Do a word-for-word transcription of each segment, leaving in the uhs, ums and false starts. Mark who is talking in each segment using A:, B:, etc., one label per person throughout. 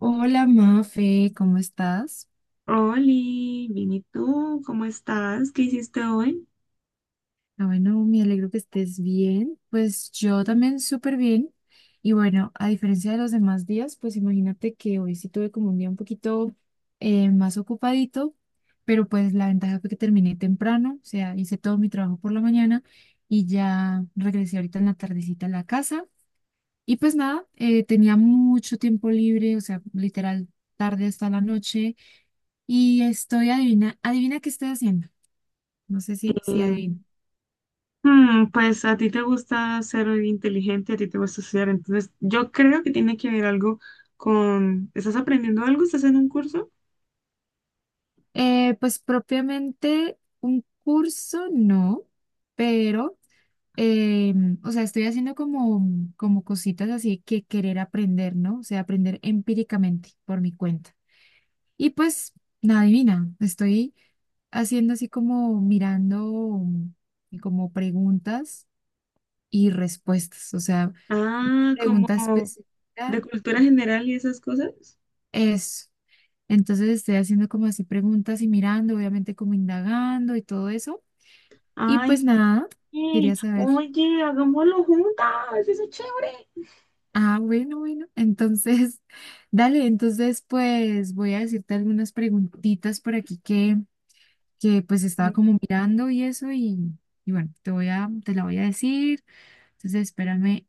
A: Hola Mafe, ¿cómo estás?
B: Oli, bien, ¿y tú? ¿Cómo estás? ¿Qué hiciste hoy?
A: Ah, bueno, me alegro que estés bien. Pues yo también súper bien. Y bueno, a diferencia de los demás días, pues imagínate que hoy sí tuve como un día un poquito eh, más ocupadito, pero pues la ventaja fue que terminé temprano, o sea, hice todo mi trabajo por la mañana y ya regresé ahorita en la tardecita a la casa. Y pues nada, eh, tenía mucho tiempo libre, o sea, literal tarde hasta la noche. Y estoy, adivina, adivina qué estoy haciendo. No sé si, si
B: Eh,
A: adivino.
B: hmm, pues a ti te gusta ser inteligente, a ti te gusta estudiar, entonces yo creo que tiene que ver algo con, ¿estás aprendiendo algo? ¿Estás en un curso?
A: Eh, pues propiamente un curso no, pero, eh, o sea, estoy haciendo como, como cositas así que querer aprender, ¿no? O sea, aprender empíricamente por mi cuenta. Y pues, nada divina estoy haciendo así como mirando mm, como preguntas y respuestas, o sea,
B: Ah, como
A: pregunta
B: de
A: específica,
B: cultura general y esas cosas.
A: eso. Entonces estoy haciendo como así preguntas y mirando, obviamente como indagando y todo eso. Y
B: Ay,
A: pues nada,
B: sí.
A: quería saber.
B: Oye, hagámoslo juntas. Eso es chévere.
A: Ah, bueno, bueno. Entonces, dale, entonces pues voy a decirte algunas preguntitas por aquí que, que pues estaba como mirando y eso y, y bueno, te voy a, te la voy a decir. Entonces, espérame,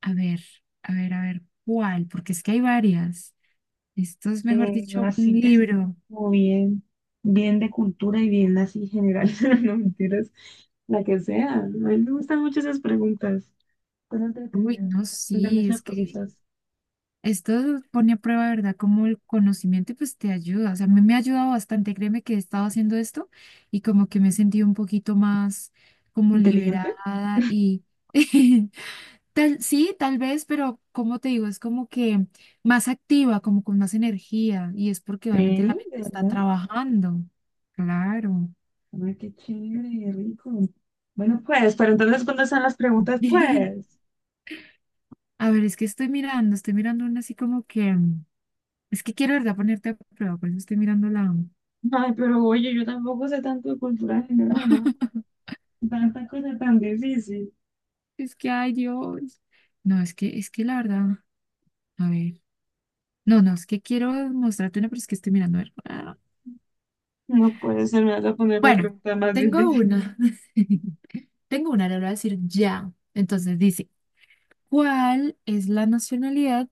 A: a ver, a ver, a ver, ¿cuál? Porque es que hay varias. Esto es, mejor
B: Eh,
A: dicho, un
B: así que sea
A: libro.
B: como bien, bien de cultura y bien así general, no mentiras, la que sea. A mí me gustan mucho esas preguntas, son
A: Uy,
B: entretenidas,
A: no,
B: de
A: sí, es.
B: muchas cositas.
A: Esto pone a prueba, ¿de verdad? Como el conocimiento y pues te ayuda. O sea, a mí me ha ayudado bastante. Créeme que he estado haciendo esto y como que me he sentido un poquito más como
B: ¿Inteligente?
A: liberada y tal, sí, tal vez, pero como te digo, es como que más activa, como con más energía y es porque obviamente la
B: Sí, de
A: mente está
B: verdad.
A: trabajando. Claro.
B: Ay, qué chévere, y rico. Bueno, pues, pero entonces, ¿cuándo están las preguntas? Pues.
A: A ver, es que estoy mirando, estoy mirando una así como que, es que quiero, ¿de verdad? Ponerte a prueba, por eso estoy mirando la.
B: Ay, pero oye, yo tampoco sé tanto de cultura general, ¿no? Tanta cosa tan difícil.
A: Es que, ay Dios. No, es que, es que la verdad, a ver. No, no, es que quiero mostrarte una, pero es que estoy mirando a ver. Ah.
B: No puede ser, me vas a poner la
A: Bueno,
B: pregunta más
A: tengo
B: difícil.
A: una. Tengo una, le voy a decir ya. Entonces dice, ¿cuál es la nacionalidad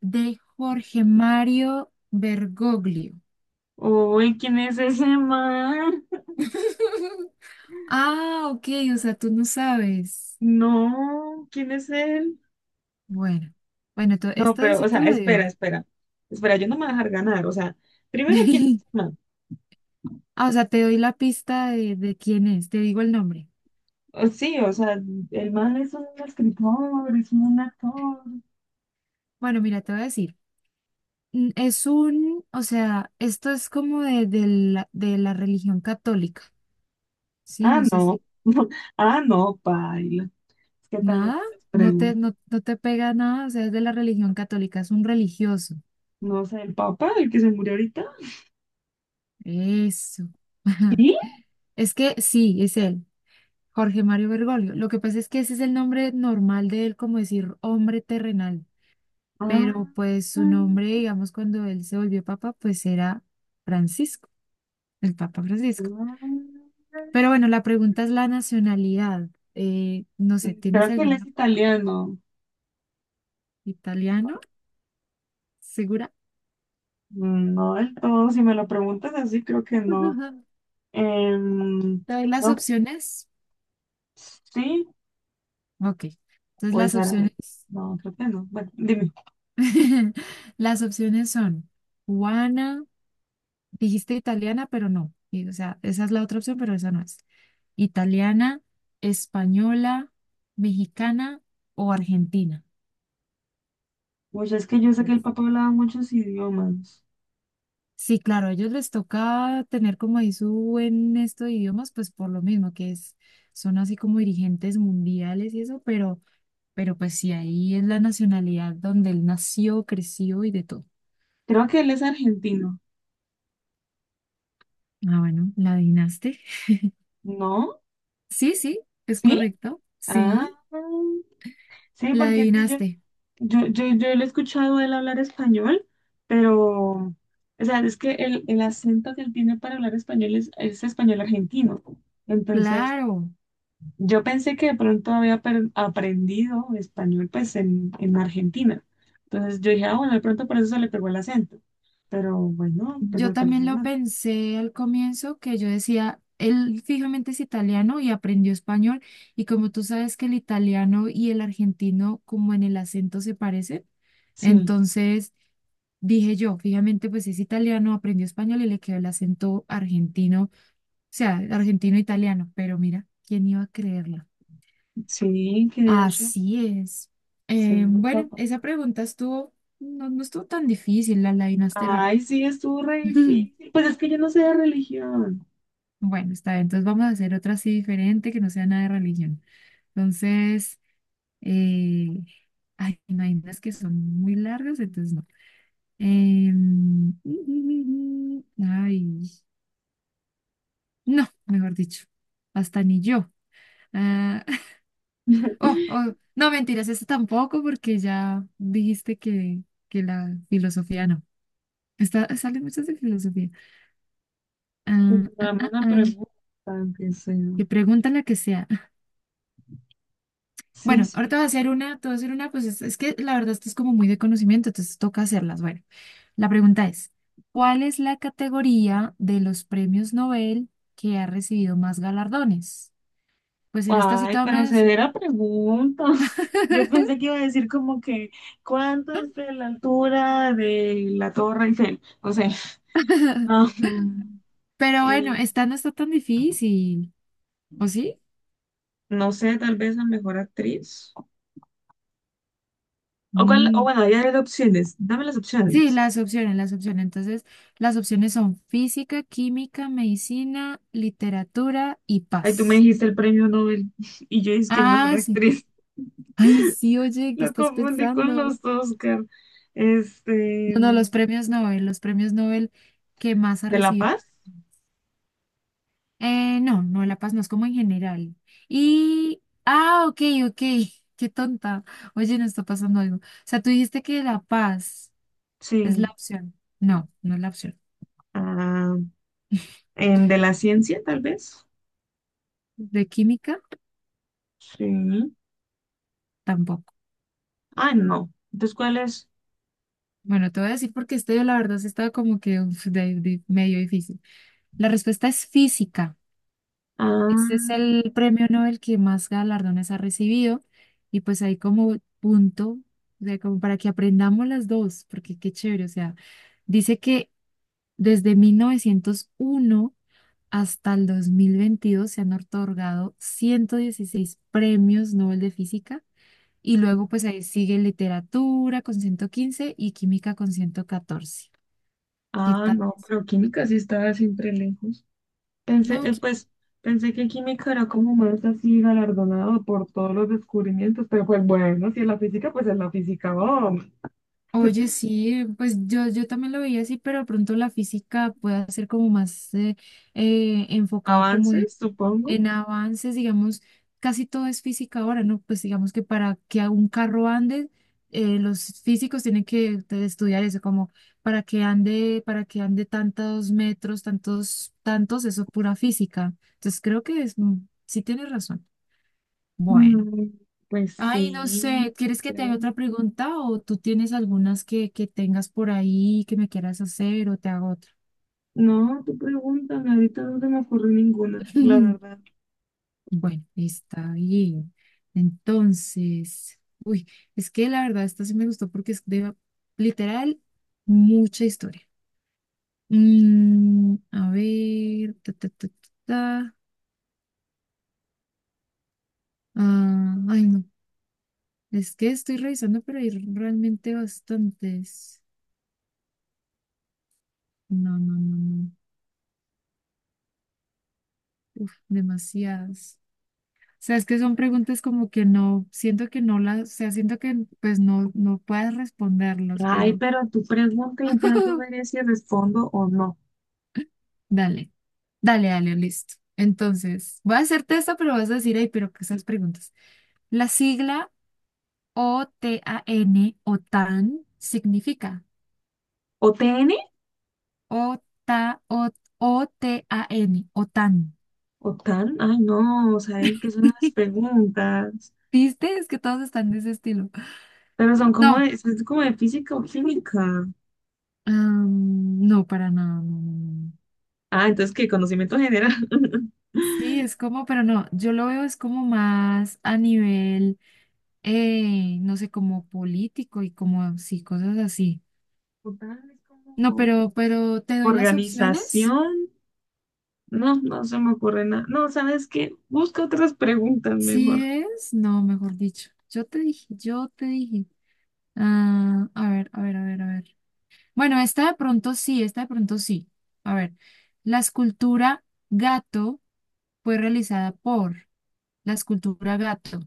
A: de Jorge Mario Bergoglio?
B: Uy, ¿quién es ese man?
A: Ah, ok, o sea, tú no sabes.
B: No, ¿quién es él?
A: Bueno, bueno, to-
B: No,
A: esta
B: pero,
A: sí
B: o
A: te
B: sea,
A: la
B: espera,
A: digo.
B: espera. Espera, yo no me voy a dejar ganar. O sea, primero, ¿quién es el man?
A: Ah, o sea, te doy la pista de, de quién es, te digo el nombre.
B: O- sí, o sea, el man es un escritor, es un actor.
A: Bueno, mira, te voy a decir, mm, es un, o sea, esto es como de, de la, de la religión católica, ¿sí?
B: Ah,
A: No sé
B: no.
A: si,
B: Ah, no, paila. Es que también
A: nada,
B: esas
A: no te,
B: preguntas.
A: no, no te pega nada, o sea, es de la religión católica, es un religioso.
B: No sé, ¿el papá, el que se murió ahorita?
A: Eso.
B: ¿Sí?
A: Es que sí, es él, Jorge Mario Bergoglio. Lo que pasa es que ese es el nombre normal de él, como decir hombre terrenal, pero
B: Ah,
A: pues su nombre,
B: mm,
A: digamos, cuando él se volvió papa, pues era Francisco, el Papa Francisco.
B: ah.
A: Pero bueno, la pregunta es la nacionalidad. Eh, no sé, ¿tienes
B: Creo que él es
A: alguna
B: italiano.
A: italiano? ¿Segura?
B: Mm, no del todo. Si me lo preguntas así, creo que no. Em,
A: ¿Te doy las
B: no,
A: opciones?
B: sí,
A: Ok. Entonces
B: o
A: las
B: es árabe.
A: opciones,
B: No, creo que no. Bueno, dime.
A: las opciones son cubana, dijiste italiana, pero no. Y, o sea, esa es la otra opción, pero esa no es. Italiana, española, mexicana o argentina.
B: Oye, es que yo sé que
A: ¿Qué?
B: el papá hablaba muchos idiomas.
A: Sí, claro, a ellos les toca tener como ahí su buen esto de idiomas, pues por lo mismo que es, son así como dirigentes mundiales y eso, pero, pero pues sí, ahí es la nacionalidad donde él nació, creció y de todo.
B: Creo que él es argentino.
A: Ah, bueno, ¿la adivinaste?
B: ¿No?
A: Sí, sí, es
B: ¿Sí?
A: correcto.
B: Ah,
A: Sí,
B: sí,
A: la
B: porque es que yo,
A: adivinaste.
B: yo, yo, yo lo he escuchado a él hablar español, pero, o sea, es que el, el acento que él tiene para hablar español es, es español argentino. Entonces,
A: Claro.
B: yo pensé que de pronto había per- aprendido español pues en, en Argentina. Entonces yo dije, ah, bueno, de pronto por eso se le pegó el acento. Pero bueno, pues
A: Yo
B: al
A: también
B: parecer
A: lo
B: no.
A: pensé al comienzo, que yo decía, él fijamente es italiano y aprendió español, y como tú sabes que el italiano y el argentino como en el acento se parecen,
B: Sí,
A: entonces dije yo, fijamente pues es italiano, aprendió español y le quedó el acento argentino, o sea, argentino-italiano, pero mira, ¿quién iba a creerlo?
B: sí, que de hecho,
A: Así es. Eh,
B: cero,
A: bueno,
B: papá.
A: esa pregunta estuvo, no, no estuvo tan difícil, la adivinaste
B: Ay,
A: rápido.
B: sí, estuvo re difícil. Pues es que yo no sé de religión.
A: Bueno, está bien. Entonces vamos a hacer otra así diferente que no sea nada de religión. Entonces, eh, ay, no hay unas que son muy largas, entonces no. Em, ay, no, mejor dicho, hasta ni yo. Ah, oh, oh, no, mentiras, esta tampoco porque ya dijiste que, que la filosofía no. Está, salen muchas de filosofía.
B: Pues
A: Ah, ah,
B: dame
A: ah,
B: una
A: ah.
B: pregunta, aunque sea.
A: Que pregunta la que sea.
B: Sí,
A: Bueno, ahorita
B: sí.
A: voy a hacer una, te voy a hacer una, pues es, es que la verdad esto es como muy de conocimiento, entonces toca hacerlas. Bueno, la pregunta es, ¿cuál es la categoría de los premios Nobel que ha recibido más galardones? Pues en esta sí
B: Ay, pero se
A: tomes,
B: de la pregunta. Yo pensé que iba a decir como que, ¿cuánto es de la altura de la Torre Eiffel? No sé. Ajá.
A: pero bueno,
B: Eh,
A: esta no está tan difícil, ¿o sí?
B: no sé, tal vez la mejor actriz. O, cuál, o
A: Mm,
B: bueno, ya hay opciones. Dame las
A: sí,
B: opciones.
A: las opciones, las opciones. Entonces, las opciones son física, química, medicina, literatura y
B: Ay, tú me
A: paz.
B: dijiste el premio Nobel y yo dije que el mejor
A: Ah, sí.
B: actriz.
A: Ay, sí, oye, ¿qué
B: Lo
A: estás
B: confundí con
A: pensando?
B: los Oscar. Este,
A: No, no, los
B: ¿de
A: premios Nobel, los premios Nobel que más ha
B: La
A: recibido.
B: Paz?
A: Eh, no, no, La Paz no es como en general. Y, ah, ok, ok, qué tonta. Oye, no está pasando algo. O sea, tú dijiste que La Paz es la
B: Sí.
A: opción. No, no es la opción.
B: Ah, ¿en ¿de la Ciencia, tal vez?
A: De química,
B: Sí.
A: tampoco.
B: Ah, no. Entonces, ¿cuál es?
A: Bueno, te voy a decir porque este, la verdad, sí estaba como que uf, de- de- medio difícil. La respuesta es física. Este es
B: Ah,
A: el premio Nobel que más galardones ha recibido y pues ahí como punto, o sea, como para que aprendamos las dos, porque qué chévere, o sea, dice que desde mil novecientos uno hasta el dos mil veintidós se han otorgado ciento dieciséis premios Nobel de Física y luego pues ahí sigue literatura con ciento quince y química con ciento catorce. ¿Qué
B: ah,
A: tal
B: no,
A: eso?
B: pero química sí estaba siempre lejos. Pensé,
A: No.
B: eh, pues, pensé que química era como más así galardonado por todos los descubrimientos, pero pues bueno, si es la física, pues es la física. Oh,
A: Oye, sí, pues yo, yo también lo veía así, pero de pronto la física puede ser como más eh, eh, enfocado como en,
B: avances, supongo.
A: en avances, digamos, casi todo es física ahora, ¿no? Pues digamos que para que a un carro ande, eh, los físicos tienen que te- estudiar eso, como para que ande, para que ande tantos metros, tantos, tantos, eso es pura física. Entonces creo que es, mm, sí tienes razón. Bueno.
B: Mm, pues
A: Ay, no sé,
B: sí,
A: ¿quieres que te
B: creo.
A: haga otra pregunta o tú tienes algunas que, que tengas por ahí que me quieras hacer o te hago otra?
B: No, tú pregúntame, ahorita no se me ocurre ninguna, la verdad.
A: Bueno, está bien. Entonces, uy, es que la verdad esta sí me gustó porque es de literal mucha historia. Mm, a ver, ta, ta, ta, ta, ta. Ah, ay, no, es que estoy revisando, pero hay realmente bastantes. No, no, no, no. Uf, demasiadas. O sea, es que son preguntas como que no, siento que no las, o sea, siento que pues no, no puedas responderlas,
B: Ay,
A: pero
B: pero tú pregunta y ya yo veré si respondo o no.
A: dale, dale, dale, listo. Entonces, voy a hacerte esta, pero vas a decir, ay, pero qué esas preguntas. La sigla O T A N, O T A N, significa
B: ¿O T N?
A: OTA, O- OTAN, O T A N.
B: ¿O T A N? Ay, no, o sea, es que son las preguntas.
A: ¿Viste? Es que todos están de ese estilo.
B: Pero son como
A: No,
B: de, pues, es como de física o química.
A: ah, no, para nada, no, no, no. No.
B: Ah, entonces, ¿qué? Conocimiento general.
A: Sí, es como, pero no, yo lo veo es como más a nivel, eh, no sé, como político y como, sí, cosas así.
B: Total, es
A: No,
B: como
A: pero, pero te doy las opciones.
B: organización. No, no se me ocurre nada. No, ¿sabes qué? Busca otras preguntas
A: Sí
B: mejor.
A: es, no, mejor dicho. Yo te dije, yo te dije. Ah, a ver, a ver, a ver, a ver. Bueno, esta de pronto sí, esta de pronto sí. A ver, la escultura gato fue realizada por la escultura gato.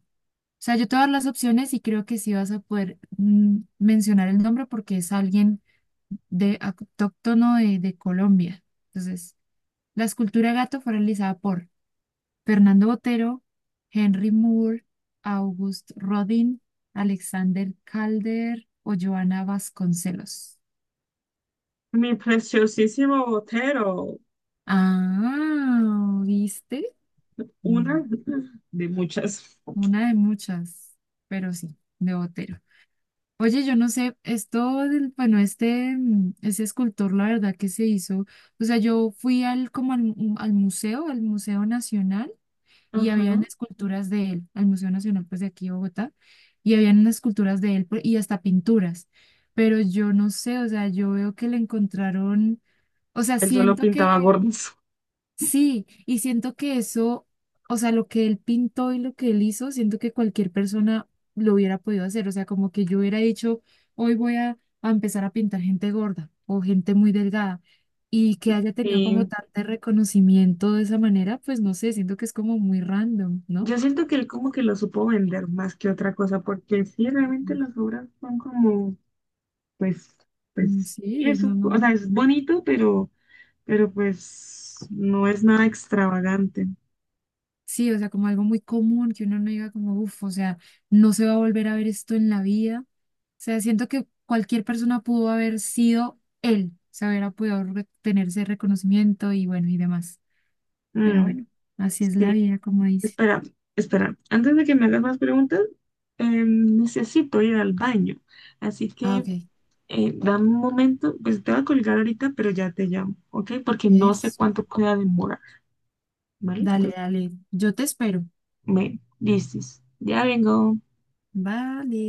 A: Sea, yo te voy a dar las opciones y creo que sí vas a poder mm, mencionar el nombre porque es alguien de autóctono de, de Colombia. Entonces, la escultura gato fue realizada por Fernando Botero, Henry Moore, August Rodin, Alexander Calder o Joana Vasconcelos.
B: Mi preciosísimo Botero.
A: Ah, ¿viste? Mm,
B: Una de muchas.
A: Una de muchas, pero sí, de Botero. Oye, yo no sé, esto del, bueno, este, mm, ese escultor, la verdad que se hizo, o sea, yo fui al, como al, mu- al museo, al Museo Nacional, y
B: Ajá.
A: habían esculturas de él, al Museo Nacional, pues de aquí de Bogotá, y habían unas esculturas de él pues, y hasta pinturas, pero yo no sé, o sea, yo veo que le encontraron, o sea,
B: Él solo
A: siento
B: pintaba
A: que.
B: gordos.
A: Sí, y siento que eso, o sea, lo que él pintó y lo que él hizo, siento que cualquier persona lo hubiera podido hacer. O sea, como que yo hubiera dicho, hoy voy a, a empezar a pintar gente gorda o gente muy delgada y que haya tenido como
B: Y
A: tanto reconocimiento de esa manera, pues no sé, siento que es como muy random, ¿no?
B: yo siento que él como que lo supo vender más que otra cosa, porque sí, realmente
A: Ujú.
B: las obras son como, pues,
A: Mm,
B: pues, sí,
A: sí,
B: es
A: no,
B: un- o sea,
A: no.
B: es bonito, pero, pero pues no es nada extravagante.
A: Sí, o sea, como algo muy común que uno no diga como, uff, o sea, no se va a volver a ver esto en la vida sea, siento que cualquier persona pudo haber sido él, se hubiera podido re- tener ese reconocimiento y bueno, y demás. Pero
B: Mm,
A: bueno, así es
B: sí,
A: la vida, como dice.
B: espera, espera, antes de que me hagas más preguntas, eh, necesito ir al baño, así
A: Ah, ok.
B: que eh, dame un momento, pues te voy a colgar ahorita, pero ya te llamo, ¿ok? Porque no sé
A: Eso.
B: cuánto pueda demorar, ¿vale?
A: Dale,
B: Entonces,
A: dale. Yo te espero.
B: me dices, ya vengo.
A: Vale.